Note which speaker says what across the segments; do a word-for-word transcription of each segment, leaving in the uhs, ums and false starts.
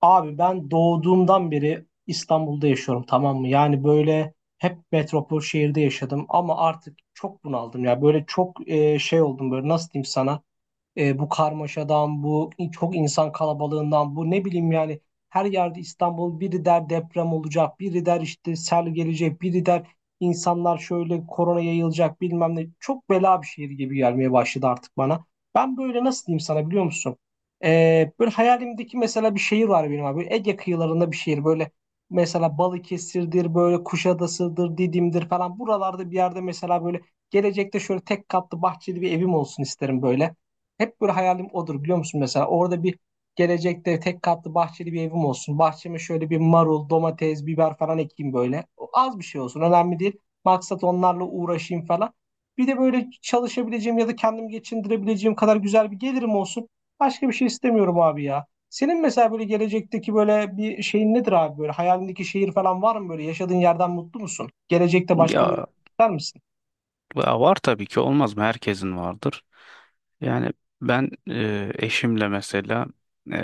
Speaker 1: Abi ben doğduğumdan beri İstanbul'da yaşıyorum, tamam mı? Yani böyle hep metropol şehirde yaşadım ama artık çok bunaldım ya. Böyle çok e, şey oldum, böyle nasıl diyeyim sana? E, bu karmaşadan, bu çok insan kalabalığından, bu ne bileyim yani her yerde İstanbul, biri der deprem olacak, biri der işte sel gelecek, biri der insanlar şöyle korona yayılacak bilmem ne. Çok bela bir şehir gibi gelmeye başladı artık bana. Ben böyle nasıl diyeyim sana, biliyor musun? E, böyle hayalimdeki mesela bir şehir var benim abi. Ege kıyılarında bir şehir, böyle mesela Balıkesir'dir, böyle Kuşadası'dır, Didim'dir falan. Buralarda bir yerde mesela böyle gelecekte şöyle tek katlı bahçeli bir evim olsun isterim böyle. Hep böyle hayalim odur, biliyor musun, mesela orada bir gelecekte tek katlı bahçeli bir evim olsun. Bahçeme şöyle bir marul, domates, biber falan ekeyim böyle. O az bir şey olsun, önemli değil. Maksat onlarla uğraşayım falan. Bir de böyle çalışabileceğim ya da kendimi geçindirebileceğim kadar güzel bir gelirim olsun. Başka bir şey istemiyorum abi ya. Senin mesela böyle gelecekteki böyle bir şeyin nedir abi, böyle hayalindeki şehir falan var mı, böyle yaşadığın yerden mutlu musun? Gelecekte başka bir yer
Speaker 2: Ya,
Speaker 1: ister misin?
Speaker 2: ya var tabii ki olmaz mı? Herkesin vardır. Yani ben e, eşimle mesela e,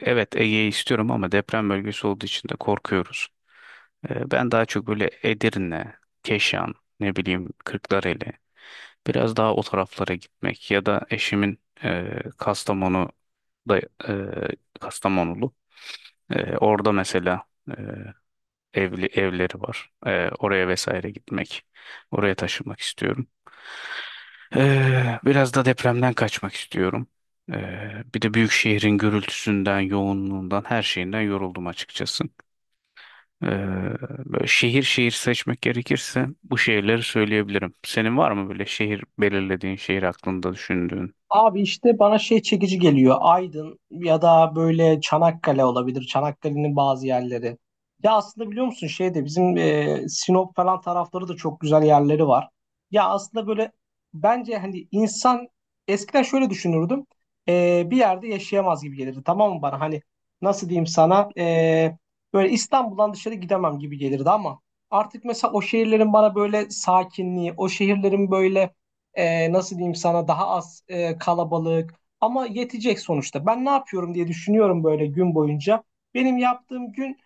Speaker 2: evet Ege'yi istiyorum ama deprem bölgesi olduğu için de korkuyoruz. E, ben daha çok böyle Edirne, Keşan, ne bileyim Kırklareli biraz daha o taraflara gitmek ya da eşimin e, Kastamonu'da e, Kastamonulu. E, orada mesela e, evli evleri var. E, oraya vesaire gitmek, oraya taşınmak istiyorum. Ee, biraz da depremden kaçmak istiyorum. Ee, bir de büyük şehrin gürültüsünden, yoğunluğundan, her şeyinden yoruldum açıkçası. Ee, Böyle şehir şehir seçmek gerekirse bu şehirleri söyleyebilirim. Senin var mı böyle şehir belirlediğin, şehir aklında düşündüğün?
Speaker 1: Abi işte bana şey çekici geliyor. Aydın ya da böyle Çanakkale olabilir. Çanakkale'nin bazı yerleri. Ya aslında biliyor musun, şeyde bizim e, Sinop falan tarafları da çok güzel yerleri var. Ya aslında böyle, bence hani insan eskiden şöyle düşünürdüm. E, bir yerde yaşayamaz gibi gelirdi. Tamam mı bana? Hani nasıl diyeyim sana? E, böyle İstanbul'dan dışarı gidemem gibi gelirdi ama artık mesela o şehirlerin bana böyle sakinliği, o şehirlerin böyle e, nasıl diyeyim sana daha az e, kalabalık ama yetecek sonuçta. Ben ne yapıyorum diye düşünüyorum böyle gün boyunca. Benim yaptığım gün,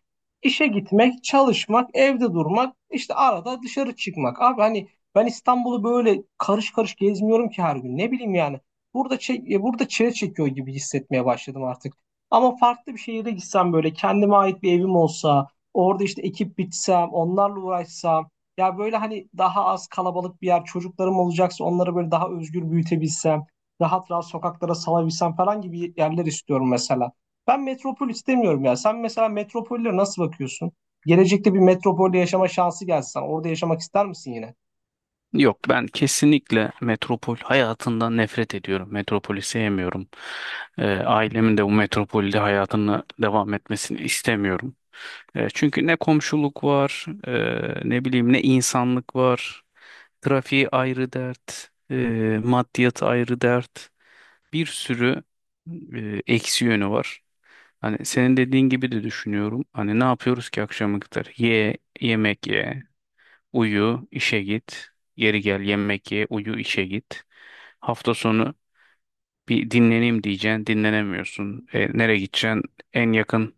Speaker 1: İşe gitmek, çalışmak, evde durmak, işte arada dışarı çıkmak. Abi hani ben İstanbul'u böyle karış karış gezmiyorum ki her gün. Ne bileyim yani. Burada çe- e, burada çile çekiyor gibi hissetmeye başladım artık. Ama farklı bir şehire gitsem, böyle kendime ait bir evim olsa, orada işte ekip bitsem, onlarla uğraşsam, ya böyle hani daha az kalabalık bir yer, çocuklarım olacaksa onları böyle daha özgür büyütebilsem, rahat rahat sokaklara salabilsem falan gibi yerler istiyorum mesela. Ben metropol istemiyorum ya. Sen mesela metropollere nasıl bakıyorsun? Gelecekte bir metropolde yaşama şansı gelse sana, orada yaşamak ister misin yine?
Speaker 2: Yok, ben kesinlikle metropol hayatından nefret ediyorum. Metropoli sevmiyorum. Ee, ailemin de bu metropolde hayatını devam etmesini istemiyorum. E, çünkü ne komşuluk var, e, ne bileyim ne insanlık var. Trafiği ayrı dert, e, maddiyat ayrı dert. Bir sürü e, eksi yönü var. Hani senin dediğin gibi de düşünüyorum. Hani ne yapıyoruz ki akşama kadar? Ye, yemek ye, uyu, işe git. Geri gel, yemek ye, uyu, işe git. Hafta sonu bir dinleneyim diyeceksin, dinlenemiyorsun. E, nereye gideceksin? En yakın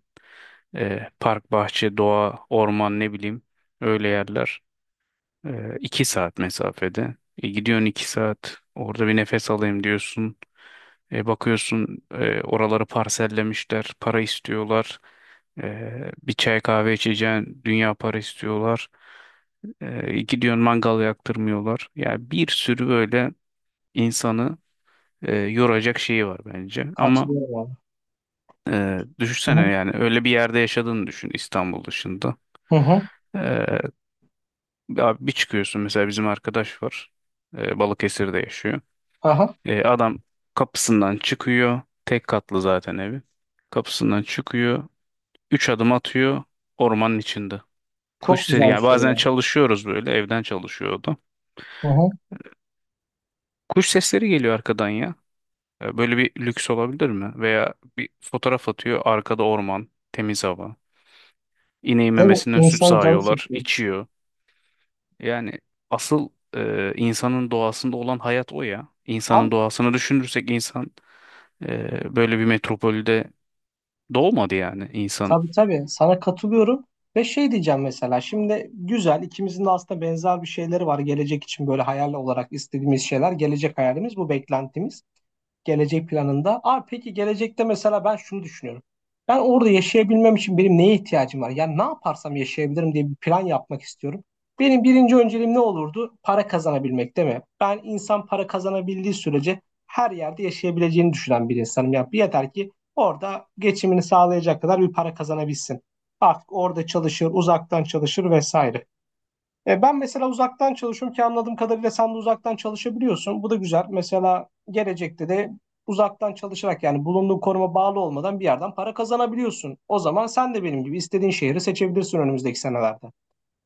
Speaker 2: e, park, bahçe, doğa, orman ne bileyim öyle yerler. E, iki saat mesafede. E, gidiyorsun iki saat orada bir nefes alayım diyorsun. E, bakıyorsun e, oraları parsellemişler, para istiyorlar. E, bir çay kahve içeceğin dünya para istiyorlar. E, gidiyorsun mangal yaktırmıyorlar. Yani bir sürü böyle insanı e, yoracak şeyi var bence. Ama
Speaker 1: Katılıyorum abi.
Speaker 2: e,
Speaker 1: Hı
Speaker 2: düşünsene
Speaker 1: hı.
Speaker 2: yani öyle bir yerde yaşadığını düşün İstanbul dışında.
Speaker 1: Hı hı.
Speaker 2: Abi bir çıkıyorsun mesela bizim arkadaş var. Ee, Balıkesir'de yaşıyor.
Speaker 1: Aha.
Speaker 2: Ee, adam kapısından çıkıyor. Tek katlı zaten evi. Kapısından çıkıyor. Üç adım atıyor. Ormanın içinde. Kuş
Speaker 1: Çok
Speaker 2: sesi,
Speaker 1: güzel bir
Speaker 2: yani
Speaker 1: şey
Speaker 2: bazen
Speaker 1: ya.
Speaker 2: çalışıyoruz böyle. Evden çalışıyor o da.
Speaker 1: Hı hı.
Speaker 2: Kuş sesleri geliyor arkadan ya. Ee, böyle bir lüks olabilir mi? Veya bir fotoğraf atıyor. Arkada orman. Temiz hava. İneğin
Speaker 1: Değil mi?
Speaker 2: memesinden süt
Speaker 1: İnsanın canı
Speaker 2: sağıyorlar.
Speaker 1: çekiyor.
Speaker 2: İçiyor. Yani asıl e, insanın doğasında olan hayat o ya. İnsanın
Speaker 1: Abi
Speaker 2: doğasını düşünürsek insan e, böyle bir metropolde doğmadı yani insan.
Speaker 1: tabii tabii, sana katılıyorum ve şey diyeceğim, mesela şimdi güzel, ikimizin de aslında benzer bir şeyleri var gelecek için, böyle hayal olarak istediğimiz şeyler, gelecek hayalimiz, bu beklentimiz gelecek planında. Abi peki gelecekte mesela ben şunu düşünüyorum. Ben orada yaşayabilmem için benim neye ihtiyacım var? Yani ne yaparsam yaşayabilirim diye bir plan yapmak istiyorum. Benim birinci önceliğim ne olurdu? Para kazanabilmek değil mi? Ben insan para kazanabildiği sürece her yerde yaşayabileceğini düşünen bir insanım. Yani yeter ki orada geçimini sağlayacak kadar bir para kazanabilsin. Artık orada çalışır, uzaktan çalışır vesaire. E, ben mesela uzaktan çalışıyorum ki anladığım kadarıyla sen de uzaktan çalışabiliyorsun. Bu da güzel. Mesela gelecekte de uzaktan çalışarak, yani bulunduğun konuma bağlı olmadan bir yerden para kazanabiliyorsun. O zaman sen de benim gibi istediğin şehri seçebilirsin önümüzdeki senelerde.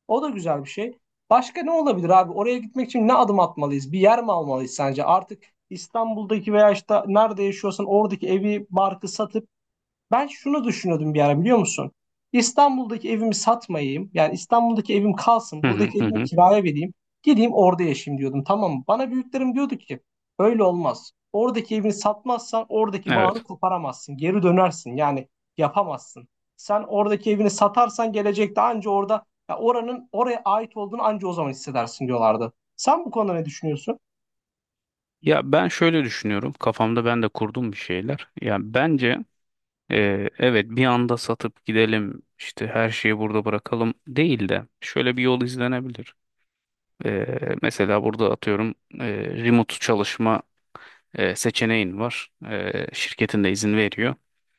Speaker 1: O da güzel bir şey. Başka ne olabilir abi? Oraya gitmek için ne adım atmalıyız? Bir yer mi almalıyız sence? Artık İstanbul'daki veya işte nerede yaşıyorsan oradaki evi, barkı satıp, ben şunu düşünüyordum bir ara, biliyor musun? İstanbul'daki evimi satmayayım. Yani İstanbul'daki evim kalsın.
Speaker 2: Hı hı
Speaker 1: Buradaki
Speaker 2: hı.
Speaker 1: evimi
Speaker 2: hı.
Speaker 1: kiraya vereyim. Gideyim orada yaşayayım diyordum. Tamam mı? Bana büyüklerim diyordu ki öyle olmaz. Oradaki evini satmazsan oradaki bağını
Speaker 2: Evet.
Speaker 1: koparamazsın. Geri dönersin. Yani yapamazsın. Sen oradaki evini satarsan gelecekte anca orada, ya oranın, oraya ait olduğunu anca o zaman hissedersin diyorlardı. Sen bu konuda ne düşünüyorsun?
Speaker 2: Ya ben şöyle düşünüyorum. Kafamda ben de kurdum bir şeyler. Ya bence, Ee, evet, bir anda satıp gidelim işte her şeyi burada bırakalım değil de şöyle bir yol izlenebilir. Ee, mesela burada atıyorum e, remote çalışma e, seçeneğin var. Ee, şirketin de izin veriyor.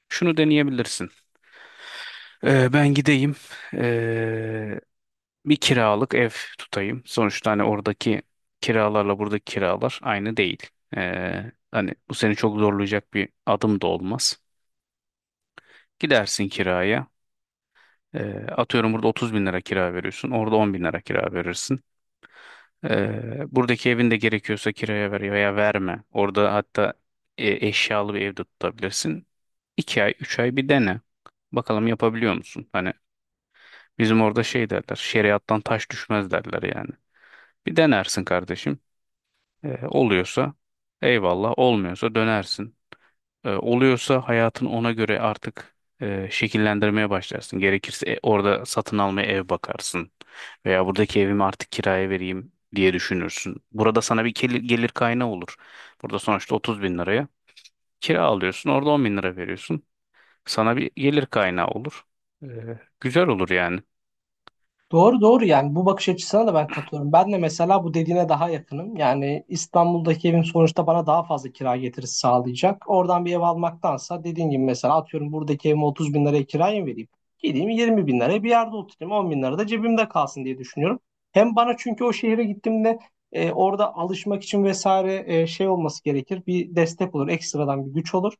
Speaker 2: Şunu deneyebilirsin. Ee, ben gideyim ee, bir kiralık ev tutayım. Sonuçta hani oradaki kiralarla buradaki kiralar aynı değil. Ee, hani bu seni çok zorlayacak bir adım da olmaz. Gidersin kiraya. Ee, atıyorum burada otuz bin lira kira veriyorsun. Orada on bin lira kira verirsin. Ee, buradaki evin de gerekiyorsa kiraya ver veya verme. Orada hatta e, eşyalı bir evde tutabilirsin. iki ay üç ay bir dene. Bakalım yapabiliyor musun? Hani bizim orada şey derler şeriattan taş düşmez derler yani. Bir denersin kardeşim. Ee, oluyorsa eyvallah olmuyorsa dönersin. e, oluyorsa hayatın ona göre artık e, şekillendirmeye başlarsın. Gerekirse e, orada satın almaya ev bakarsın veya buradaki evimi artık kiraya vereyim diye düşünürsün. Burada sana bir gelir, gelir kaynağı olur. Burada sonuçta otuz bin liraya kira alıyorsun, orada on bin lira veriyorsun. Sana bir gelir kaynağı olur. E, Güzel olur yani.
Speaker 1: Doğru doğru, yani bu bakış açısına da ben katılıyorum. Ben de mesela bu dediğine daha yakınım. Yani İstanbul'daki evim sonuçta bana daha fazla kira getirisi sağlayacak. Oradan bir ev almaktansa, dediğin gibi mesela atıyorum buradaki evime otuz bin liraya kiraya mı vereyim? Gideyim yirmi bin liraya bir yerde oturayım, on bin lira da cebimde kalsın diye düşünüyorum. Hem bana, çünkü o şehre gittiğimde e, orada alışmak için vesaire e, şey olması gerekir. Bir destek olur, ekstradan bir güç olur.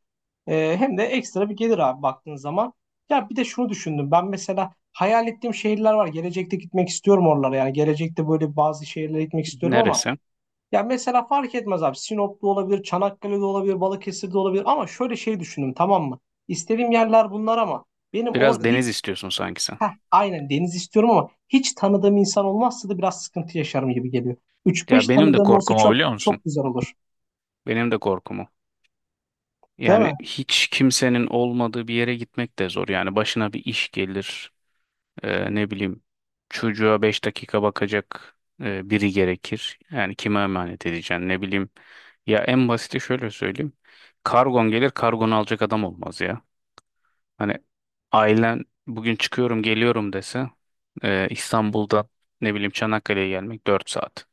Speaker 1: E, hem de ekstra bir gelir abi, baktığın zaman. Ya bir de şunu düşündüm ben mesela hayal ettiğim şehirler var. Gelecekte gitmek istiyorum oralara. Yani gelecekte böyle bazı şehirlere gitmek istiyorum ama
Speaker 2: Neresi?
Speaker 1: ya mesela fark etmez abi. Sinop'ta olabilir, Çanakkale'de olabilir, Balıkesir'de olabilir ama şöyle şey düşündüm, tamam mı? İstediğim yerler bunlar ama benim
Speaker 2: Biraz
Speaker 1: orada hiç,
Speaker 2: deniz istiyorsun sanki sen.
Speaker 1: heh, aynen deniz istiyorum ama hiç tanıdığım insan olmazsa da biraz sıkıntı yaşarım gibi geliyor. Üç
Speaker 2: Ya
Speaker 1: beş
Speaker 2: benim de
Speaker 1: tanıdığım olsa
Speaker 2: korkum o,
Speaker 1: çok
Speaker 2: biliyor musun?
Speaker 1: çok güzel olur.
Speaker 2: Benim de korkum o.
Speaker 1: Değil
Speaker 2: Yani
Speaker 1: mi?
Speaker 2: hiç kimsenin olmadığı bir yere gitmek de zor. Yani başına bir iş gelir, e, ne bileyim çocuğa beş dakika bakacak e, biri gerekir. Yani kime emanet edeceksin ne bileyim. Ya en basiti şöyle söyleyeyim. Kargon gelir, kargonu alacak adam olmaz ya. Hani ailen bugün çıkıyorum geliyorum dese, e, İstanbul'dan ne bileyim Çanakkale'ye gelmek dört saat.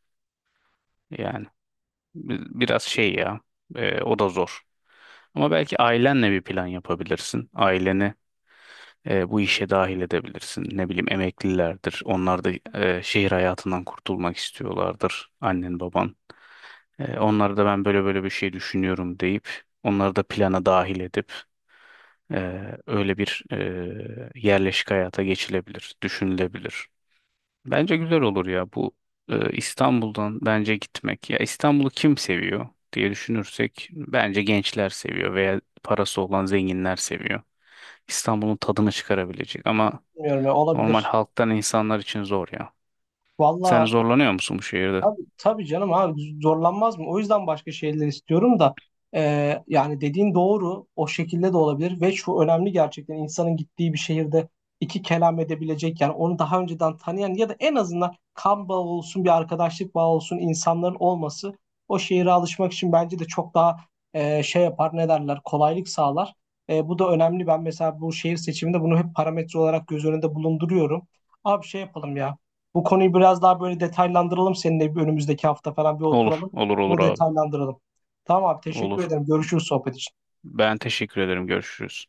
Speaker 2: Yani bi- biraz şey ya, e, o da zor. Ama belki ailenle bir plan yapabilirsin. Aileni e, bu işe dahil edebilirsin. Ne bileyim emeklilerdir. Onlar da e, şehir hayatından kurtulmak istiyorlardır. Annen baban. E, onlara da ben böyle böyle bir şey düşünüyorum deyip onları da plana dahil edip e, öyle bir e, yerleşik hayata geçilebilir, düşünülebilir. Bence güzel olur ya bu, e, İstanbul'dan bence gitmek. Ya İstanbul'u kim seviyor diye düşünürsek bence gençler seviyor veya parası olan zenginler seviyor. İstanbul'un tadını çıkarabilecek ama
Speaker 1: Bilmiyorum ya,
Speaker 2: normal
Speaker 1: olabilir.
Speaker 2: halktan insanlar için zor ya. Sen
Speaker 1: Valla
Speaker 2: zorlanıyor musun bu şehirde?
Speaker 1: tabii, tabii canım abi zorlanmaz mı? O yüzden başka şeyler istiyorum da e, yani dediğin doğru, o şekilde de olabilir ve şu önemli, gerçekten insanın gittiği bir şehirde iki kelam edebilecek, yani onu daha önceden tanıyan ya da en azından kan bağı olsun bir arkadaşlık bağı olsun insanların olması o şehire alışmak için bence de çok daha e, şey yapar ne derler, kolaylık sağlar. E, bu da önemli, ben mesela bu şehir seçiminde bunu hep parametre olarak göz önünde bulunduruyorum. Abi şey yapalım ya. Bu konuyu biraz daha böyle detaylandıralım, seninle bir önümüzdeki hafta falan bir
Speaker 2: Olur,
Speaker 1: oturalım.
Speaker 2: olur, olur
Speaker 1: Bunu
Speaker 2: abi.
Speaker 1: detaylandıralım. Tamam abi, teşekkür
Speaker 2: Olur.
Speaker 1: ederim. Görüşürüz sohbet için.
Speaker 2: Ben teşekkür ederim. Görüşürüz.